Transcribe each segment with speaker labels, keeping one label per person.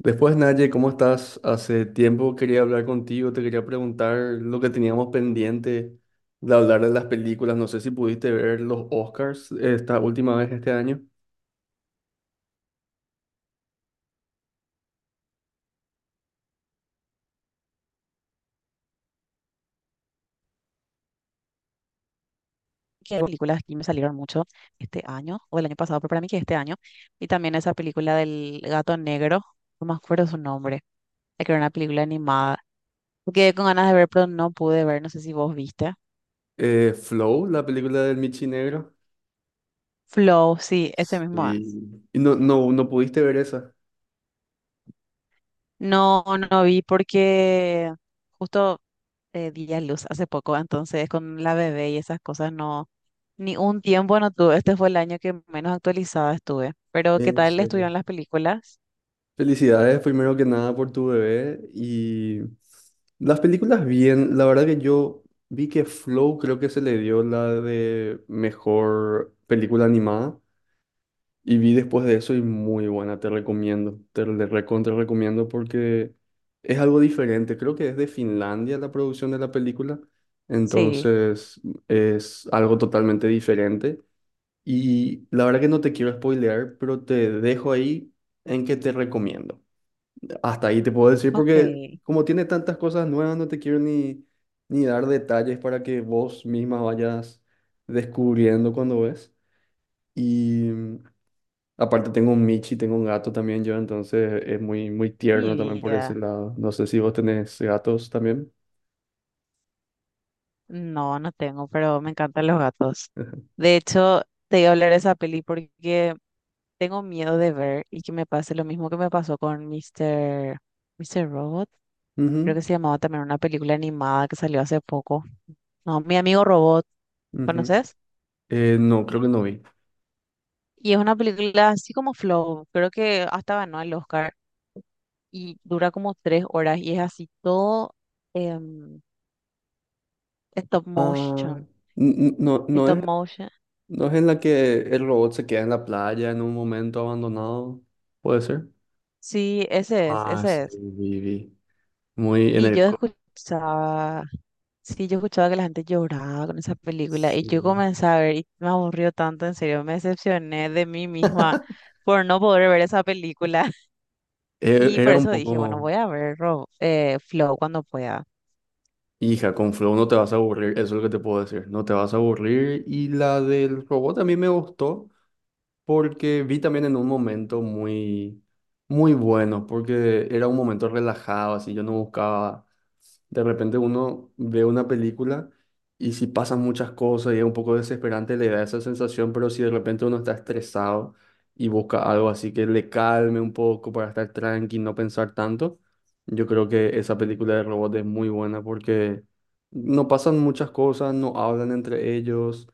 Speaker 1: Después, Naye, ¿cómo estás? Hace tiempo quería hablar contigo, te quería preguntar lo que teníamos pendiente de hablar de las películas. No sé si pudiste ver los Oscars esta última vez este año.
Speaker 2: Que hay películas que me salieron mucho este año o el año pasado, pero para mí que este año. Y también esa película del gato negro, no me acuerdo su nombre, la que era una película animada. Me quedé con ganas de ver, pero no pude ver, no sé si vos viste.
Speaker 1: Flow, la película del Michi Negro.
Speaker 2: Flow, sí, ese mismo es.
Speaker 1: Sí. Y no pudiste ver esa,
Speaker 2: No, no vi porque justo di a luz hace poco, entonces con la bebé y esas cosas no, ni un tiempo no tuve. Este fue el año que menos actualizada estuve. Pero ¿qué
Speaker 1: en
Speaker 2: tal
Speaker 1: serio.
Speaker 2: estuvieron las películas?
Speaker 1: Felicidades, primero que nada, por tu bebé. Y las películas bien, la verdad que yo vi que Flow creo que se le dio la de mejor película animada. Y vi después de eso y muy buena, te recomiendo, te le recontra recomiendo porque es algo diferente. Creo que es de Finlandia la producción de la película,
Speaker 2: Sí,
Speaker 1: entonces es algo totalmente diferente. Y la verdad que no te quiero spoilear, pero te dejo ahí en que te recomiendo. Hasta ahí te puedo decir
Speaker 2: ok,
Speaker 1: porque como tiene tantas cosas nuevas, no te quiero ni dar detalles para que vos misma vayas descubriendo cuando ves. Y Aparte tengo un Michi, tengo un gato también yo, entonces es muy, muy
Speaker 2: mi
Speaker 1: tierno también por ese
Speaker 2: vida.
Speaker 1: lado. No sé si vos tenés gatos también.
Speaker 2: No, no tengo, pero me encantan los gatos. De hecho, te iba a hablar de esa peli porque tengo miedo de ver y que me pase lo mismo que me pasó con Mister Robot. Creo que
Speaker 1: Ujú,
Speaker 2: se llamaba también una película animada que salió hace poco. No, Mi Amigo Robot,
Speaker 1: ujú.
Speaker 2: ¿conoces?
Speaker 1: No, creo que no vi.
Speaker 2: Y es una película así como Flow, creo que hasta ganó el Oscar y dura como 3 horas y es así todo em, stop
Speaker 1: Ah,
Speaker 2: motion.
Speaker 1: no,
Speaker 2: Stop motion.
Speaker 1: no es en la que el robot se queda en la playa en un momento abandonado, puede ser.
Speaker 2: Sí, ese es,
Speaker 1: Ah,
Speaker 2: ese
Speaker 1: sí,
Speaker 2: es.
Speaker 1: vi, vi. Muy en
Speaker 2: Y
Speaker 1: el.
Speaker 2: yo escuchaba, sí, yo escuchaba que la gente lloraba con esa película y
Speaker 1: Sí.
Speaker 2: yo comencé a ver y me aburrió tanto, en serio, me decepcioné de mí misma por no poder ver esa película. Y por
Speaker 1: Era un
Speaker 2: eso dije, bueno,
Speaker 1: poco,
Speaker 2: voy a ver Flow cuando pueda.
Speaker 1: hija, con Flow no te vas a aburrir, eso es lo que te puedo decir, no te vas a aburrir. Y la del robot a mí me gustó, porque vi también en un momento muy, muy bueno, porque era un momento relajado, así yo no buscaba, de repente uno ve una película y si pasan muchas cosas y es un poco desesperante, le da esa sensación, pero si de repente uno está estresado y busca algo así que le calme un poco para estar tranqui, no pensar tanto, yo creo que esa película de robot es muy buena porque no pasan muchas cosas, no hablan entre ellos,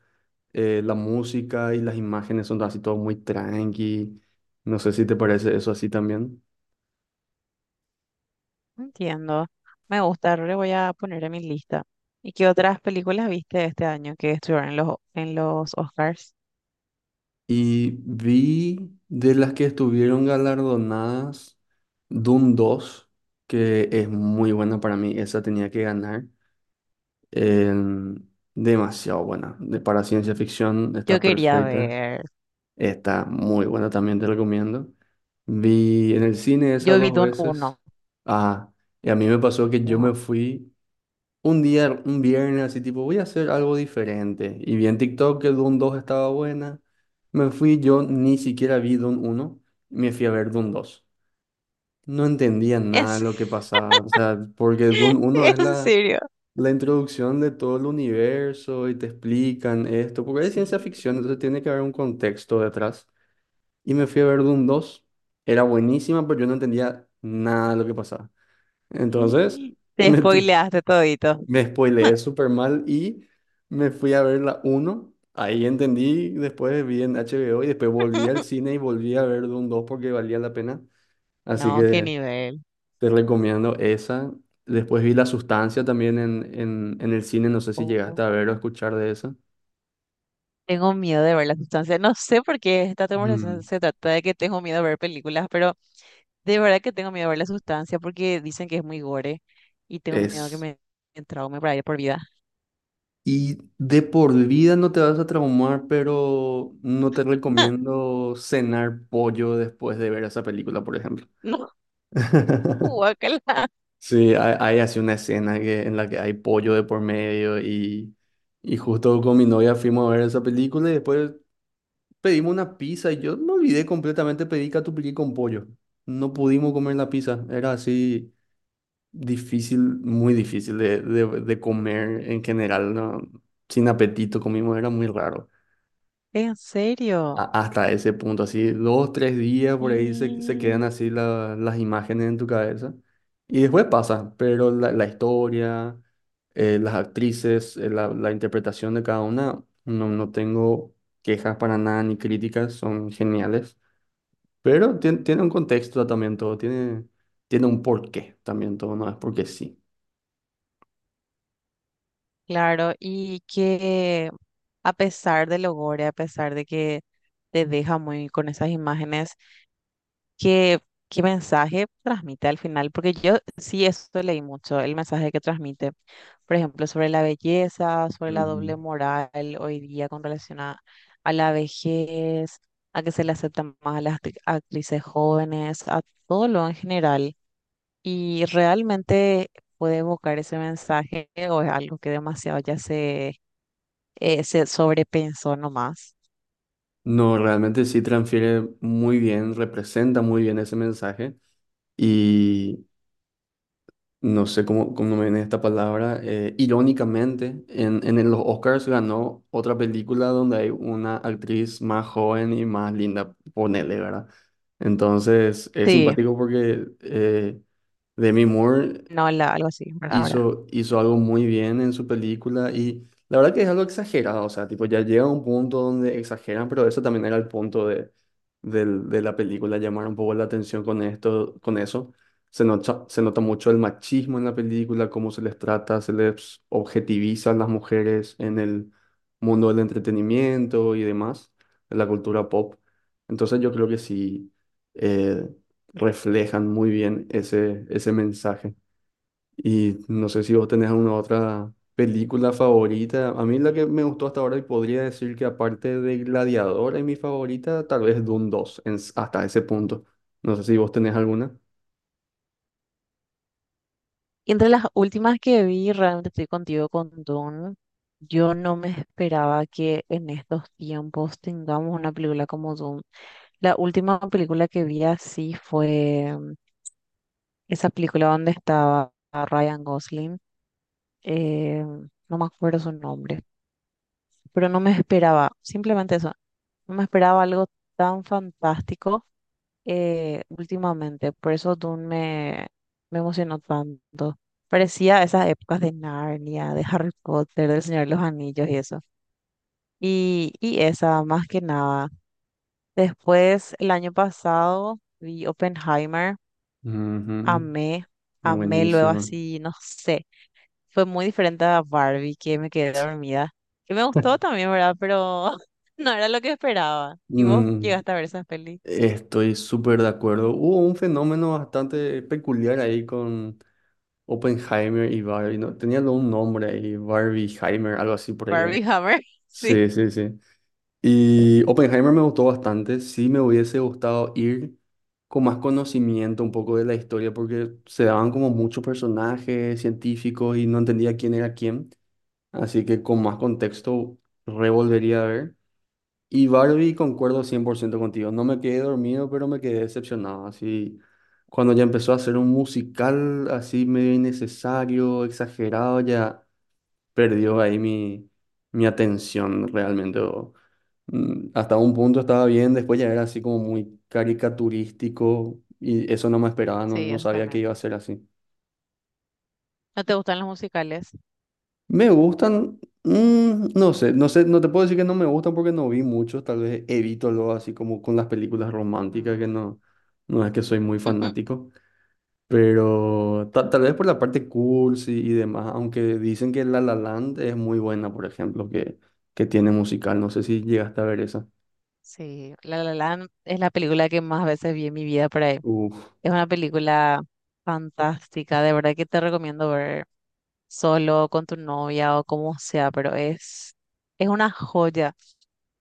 Speaker 1: la música y las imágenes son así todo muy tranqui. No sé si te parece eso así también.
Speaker 2: Entiendo, me gusta, le voy a poner en mi lista. ¿Y qué otras películas viste este año que estuvieron en los Oscars?
Speaker 1: Y vi de las que estuvieron galardonadas Doom dos, que es muy buena para mí. Esa tenía que ganar. En- Demasiado buena. Para ciencia ficción
Speaker 2: Yo
Speaker 1: está
Speaker 2: quería
Speaker 1: perfecta.
Speaker 2: ver,
Speaker 1: Está muy buena también, te recomiendo. Vi en el cine esa
Speaker 2: yo vi
Speaker 1: dos
Speaker 2: Dune
Speaker 1: veces.
Speaker 2: uno
Speaker 1: Ah, y a mí me pasó que yo
Speaker 2: Wow.
Speaker 1: me fui. Un día, un viernes, así tipo, voy a hacer algo diferente. Y vi en TikTok que Doom 2 estaba buena. Me fui, yo ni siquiera vi Doom 1, me fui a ver Doom 2. No entendía nada de
Speaker 2: Es,
Speaker 1: lo que pasaba, o sea, porque Doom 1 es
Speaker 2: en serio.
Speaker 1: la introducción de todo el universo y te explican esto, porque es ciencia
Speaker 2: Sí.
Speaker 1: ficción, entonces tiene que haber un contexto detrás. Y me fui a ver Doom 2, era buenísima, pero yo no entendía nada de lo que pasaba. Entonces,
Speaker 2: Y te
Speaker 1: me tu-
Speaker 2: spoileaste todito.
Speaker 1: me spoileé súper mal y me fui a ver la 1. Ahí entendí, después vi en HBO y después volví al cine y volví a ver Doom dos porque valía la pena. Así
Speaker 2: No, qué
Speaker 1: que
Speaker 2: nivel.
Speaker 1: te recomiendo esa. Después vi La Sustancia también en el cine, no sé si
Speaker 2: Oh,
Speaker 1: llegaste a ver o escuchar de esa.
Speaker 2: tengo miedo de ver la sustancia. No sé por qué esta conversación
Speaker 1: Mm.
Speaker 2: se trata de que tengo miedo de ver películas, pero de verdad que tengo miedo de ver la sustancia porque dicen que es muy gore y tengo miedo que
Speaker 1: Es.
Speaker 2: me traume para ir por vida.
Speaker 1: Y de por vida no te vas a traumar, pero no te recomiendo cenar pollo después de ver esa película, por ejemplo.
Speaker 2: No, guácala.
Speaker 1: Sí, hay así una escena que, en la que hay pollo de por medio y justo con mi novia fuimos a ver esa película y después pedimos una pizza y yo me olvidé completamente, pedí catupiry con pollo. No pudimos comer la pizza, era así difícil, muy difícil de comer en general, ¿no? Sin apetito comimos, era muy raro
Speaker 2: En serio.
Speaker 1: hasta ese punto, así dos, tres días por ahí se quedan
Speaker 2: Y
Speaker 1: así las imágenes en tu cabeza y después pasa, pero la historia, las actrices, la interpretación de cada una, no tengo quejas para nada ni críticas, son geniales, pero tiene un contexto también todo, tiene, tiene un porqué también todo, no es porque sí.
Speaker 2: claro, y que a pesar de lo gore, a pesar de que te deja muy con esas imágenes. ¿Qué, qué mensaje transmite al final? Porque yo sí esto leí mucho, el mensaje que transmite, por ejemplo, sobre la belleza, sobre la
Speaker 1: Ujú.
Speaker 2: doble moral hoy día con relación a la vejez, a que se le aceptan más a las actrices jóvenes, a todo lo en general. Y realmente puede evocar ese mensaje o es algo que demasiado ya se sobrepensó nomás.
Speaker 1: No, realmente sí transfiere muy bien, representa muy bien ese mensaje. Y no sé cómo, cómo me viene esta palabra, irónicamente, en los Oscars ganó otra película donde hay una actriz más joven y más linda, ponele, ¿verdad? Entonces, es
Speaker 2: Sí,
Speaker 1: simpático porque Demi Moore
Speaker 2: no, algo así, ¿verdad?
Speaker 1: hizo algo muy bien en su película y la verdad que es algo exagerado, o sea, tipo, ya llega a un punto donde exageran, pero eso también era el punto de la película, llamar un poco la atención con esto, con eso. Se nota mucho el machismo en la película, cómo se les trata, se les objetiviza a las mujeres en el mundo del entretenimiento y demás, en la cultura pop. Entonces yo creo que sí, eh, reflejan muy bien ese mensaje. Y no sé si vos tenés alguna otra película favorita. A mí la que me gustó hasta ahora y podría decir que aparte de Gladiador es mi favorita, tal vez Dune dos en hasta ese punto. No sé si vos tenés alguna.
Speaker 2: Y entre las últimas que vi, realmente estoy contigo con Dune. Yo no me esperaba que en estos tiempos tengamos una película como Dune. La última película que vi así fue esa película donde estaba Ryan Gosling. eh, no me acuerdo su nombre, pero no me esperaba, simplemente eso, no me esperaba algo tan fantástico últimamente. Por eso Dune me emocionó tanto. Parecía esas épocas de Narnia, de Harry Potter, del Señor de los Anillos y eso. Y esa, más que nada. Después, el año pasado, vi Oppenheimer,
Speaker 1: Ujú.
Speaker 2: amé, amé luego
Speaker 1: Buenísima.
Speaker 2: así, no sé. Fue muy diferente a Barbie, que me quedé dormida. Que me gustó también, ¿verdad? Pero no era lo que esperaba. ¿Y vos
Speaker 1: Mm,
Speaker 2: llegaste a ver esa peli?
Speaker 1: estoy súper de acuerdo. Hubo un fenómeno bastante peculiar ahí con Oppenheimer y Barbie, ¿no? Tenían un nombre ahí, Barbieheimer, algo así por ahí era.
Speaker 2: Barbie Hammer, sí.
Speaker 1: Sí, sí, sí. Y Oppenheimer me gustó bastante. Sí me hubiese gustado ir con más conocimiento un poco de la historia porque se daban como muchos personajes científicos y no entendía quién era quién. Así que con más contexto revolvería a ver. Y Barbie, concuerdo 100% contigo. No me quedé dormido, pero me quedé decepcionado. Así, cuando ya empezó a hacer un musical así medio innecesario, exagerado, ya perdió ahí mi atención realmente. Hasta un punto estaba bien, después ya era así como muy caricaturístico y eso no me esperaba,
Speaker 2: Sí,
Speaker 1: no
Speaker 2: eso
Speaker 1: sabía que
Speaker 2: también.
Speaker 1: iba a ser así.
Speaker 2: ¿No te gustan los musicales?
Speaker 1: Me gustan, no sé, no sé, no te puedo decir que no me gustan porque no vi muchos, tal vez evito lo así como con las películas románticas que
Speaker 2: Mm.
Speaker 1: no, no es que soy muy fanático. Pero tal vez por la parte cursi y demás, aunque dicen que La La Land es muy buena, por ejemplo, que tiene musical. No sé si llegaste a ver esa.
Speaker 2: Sí, La La Land es la película que más veces vi en mi vida por ahí.
Speaker 1: Uf,
Speaker 2: Es una película fantástica, de verdad que te recomiendo ver solo, con tu novia o como sea, pero es una joya.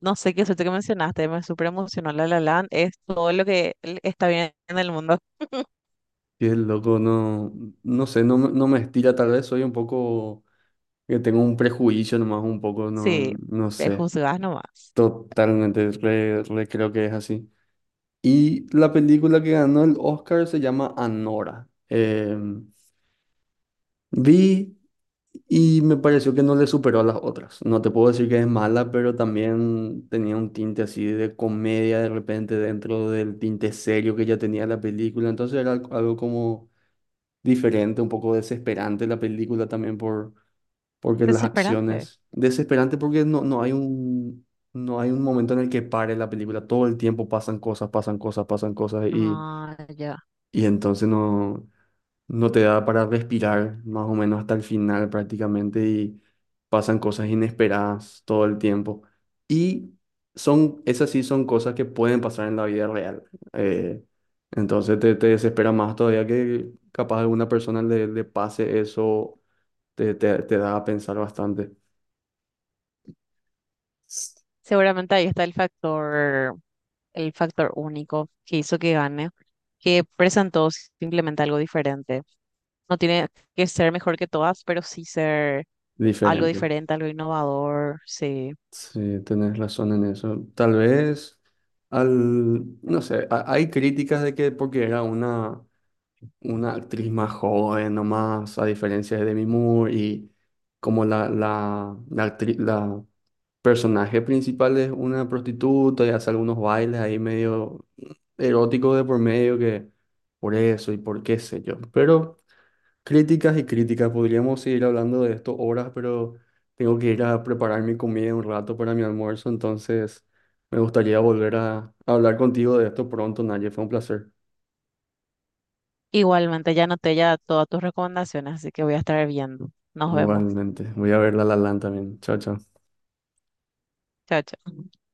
Speaker 2: No sé qué suerte que mencionaste, me súper emocionó La La Land, es todo lo que está bien en el mundo.
Speaker 1: qué loco, no, no sé, no me estira, tal vez soy un poco, que tengo un prejuicio nomás, un poco, no,
Speaker 2: Sí,
Speaker 1: no sé,
Speaker 2: prejuzgas nomás.
Speaker 1: totalmente, re creo que es así. Y la película que ganó el Oscar se llama Anora. Vi. Y me pareció que no le superó a las otras. No te puedo decir que es mala, pero también tenía un tinte así de comedia de repente dentro del tinte serio que ya tenía la película. Entonces era algo, algo como diferente, un poco desesperante la película también por, porque las
Speaker 2: Desesperante.
Speaker 1: acciones. Desesperante porque no hay un, no hay un momento en el que pare la película. Todo el tiempo pasan cosas, pasan cosas, pasan cosas, y,
Speaker 2: Ah, ya.
Speaker 1: y entonces no no te da para respirar más o menos hasta el final prácticamente y pasan cosas inesperadas todo el tiempo. Y son, esas sí son cosas que pueden pasar en la vida real. eh, entonces te desespera más todavía que capaz a alguna persona le pase eso, te da a pensar bastante
Speaker 2: Seguramente ahí está el factor. El factor único que hizo que gane, que presentó simplemente algo diferente. No tiene que ser mejor que todas, pero sí ser algo
Speaker 1: diferente.
Speaker 2: diferente, algo innovador, sí.
Speaker 1: Sí, tenés razón en eso. Tal vez, al, no sé, hay críticas de que porque era una actriz más joven nomás, a diferencia de Demi Moore, y como la actriz, la personaje principal es una prostituta y hace algunos bailes ahí medio eróticos de por medio que por eso y por qué sé yo. Pero críticas y críticas, podríamos seguir hablando de esto horas, pero tengo que ir a preparar mi comida un rato para mi almuerzo, entonces me gustaría volver a hablar contigo de esto pronto, Naye, fue un placer.
Speaker 2: Igualmente ya anoté ya todas tus recomendaciones, así que voy a estar viendo. Nos vemos.
Speaker 1: Igualmente. Voy a ver La La Land también. Chao, chao.
Speaker 2: Chao, chao.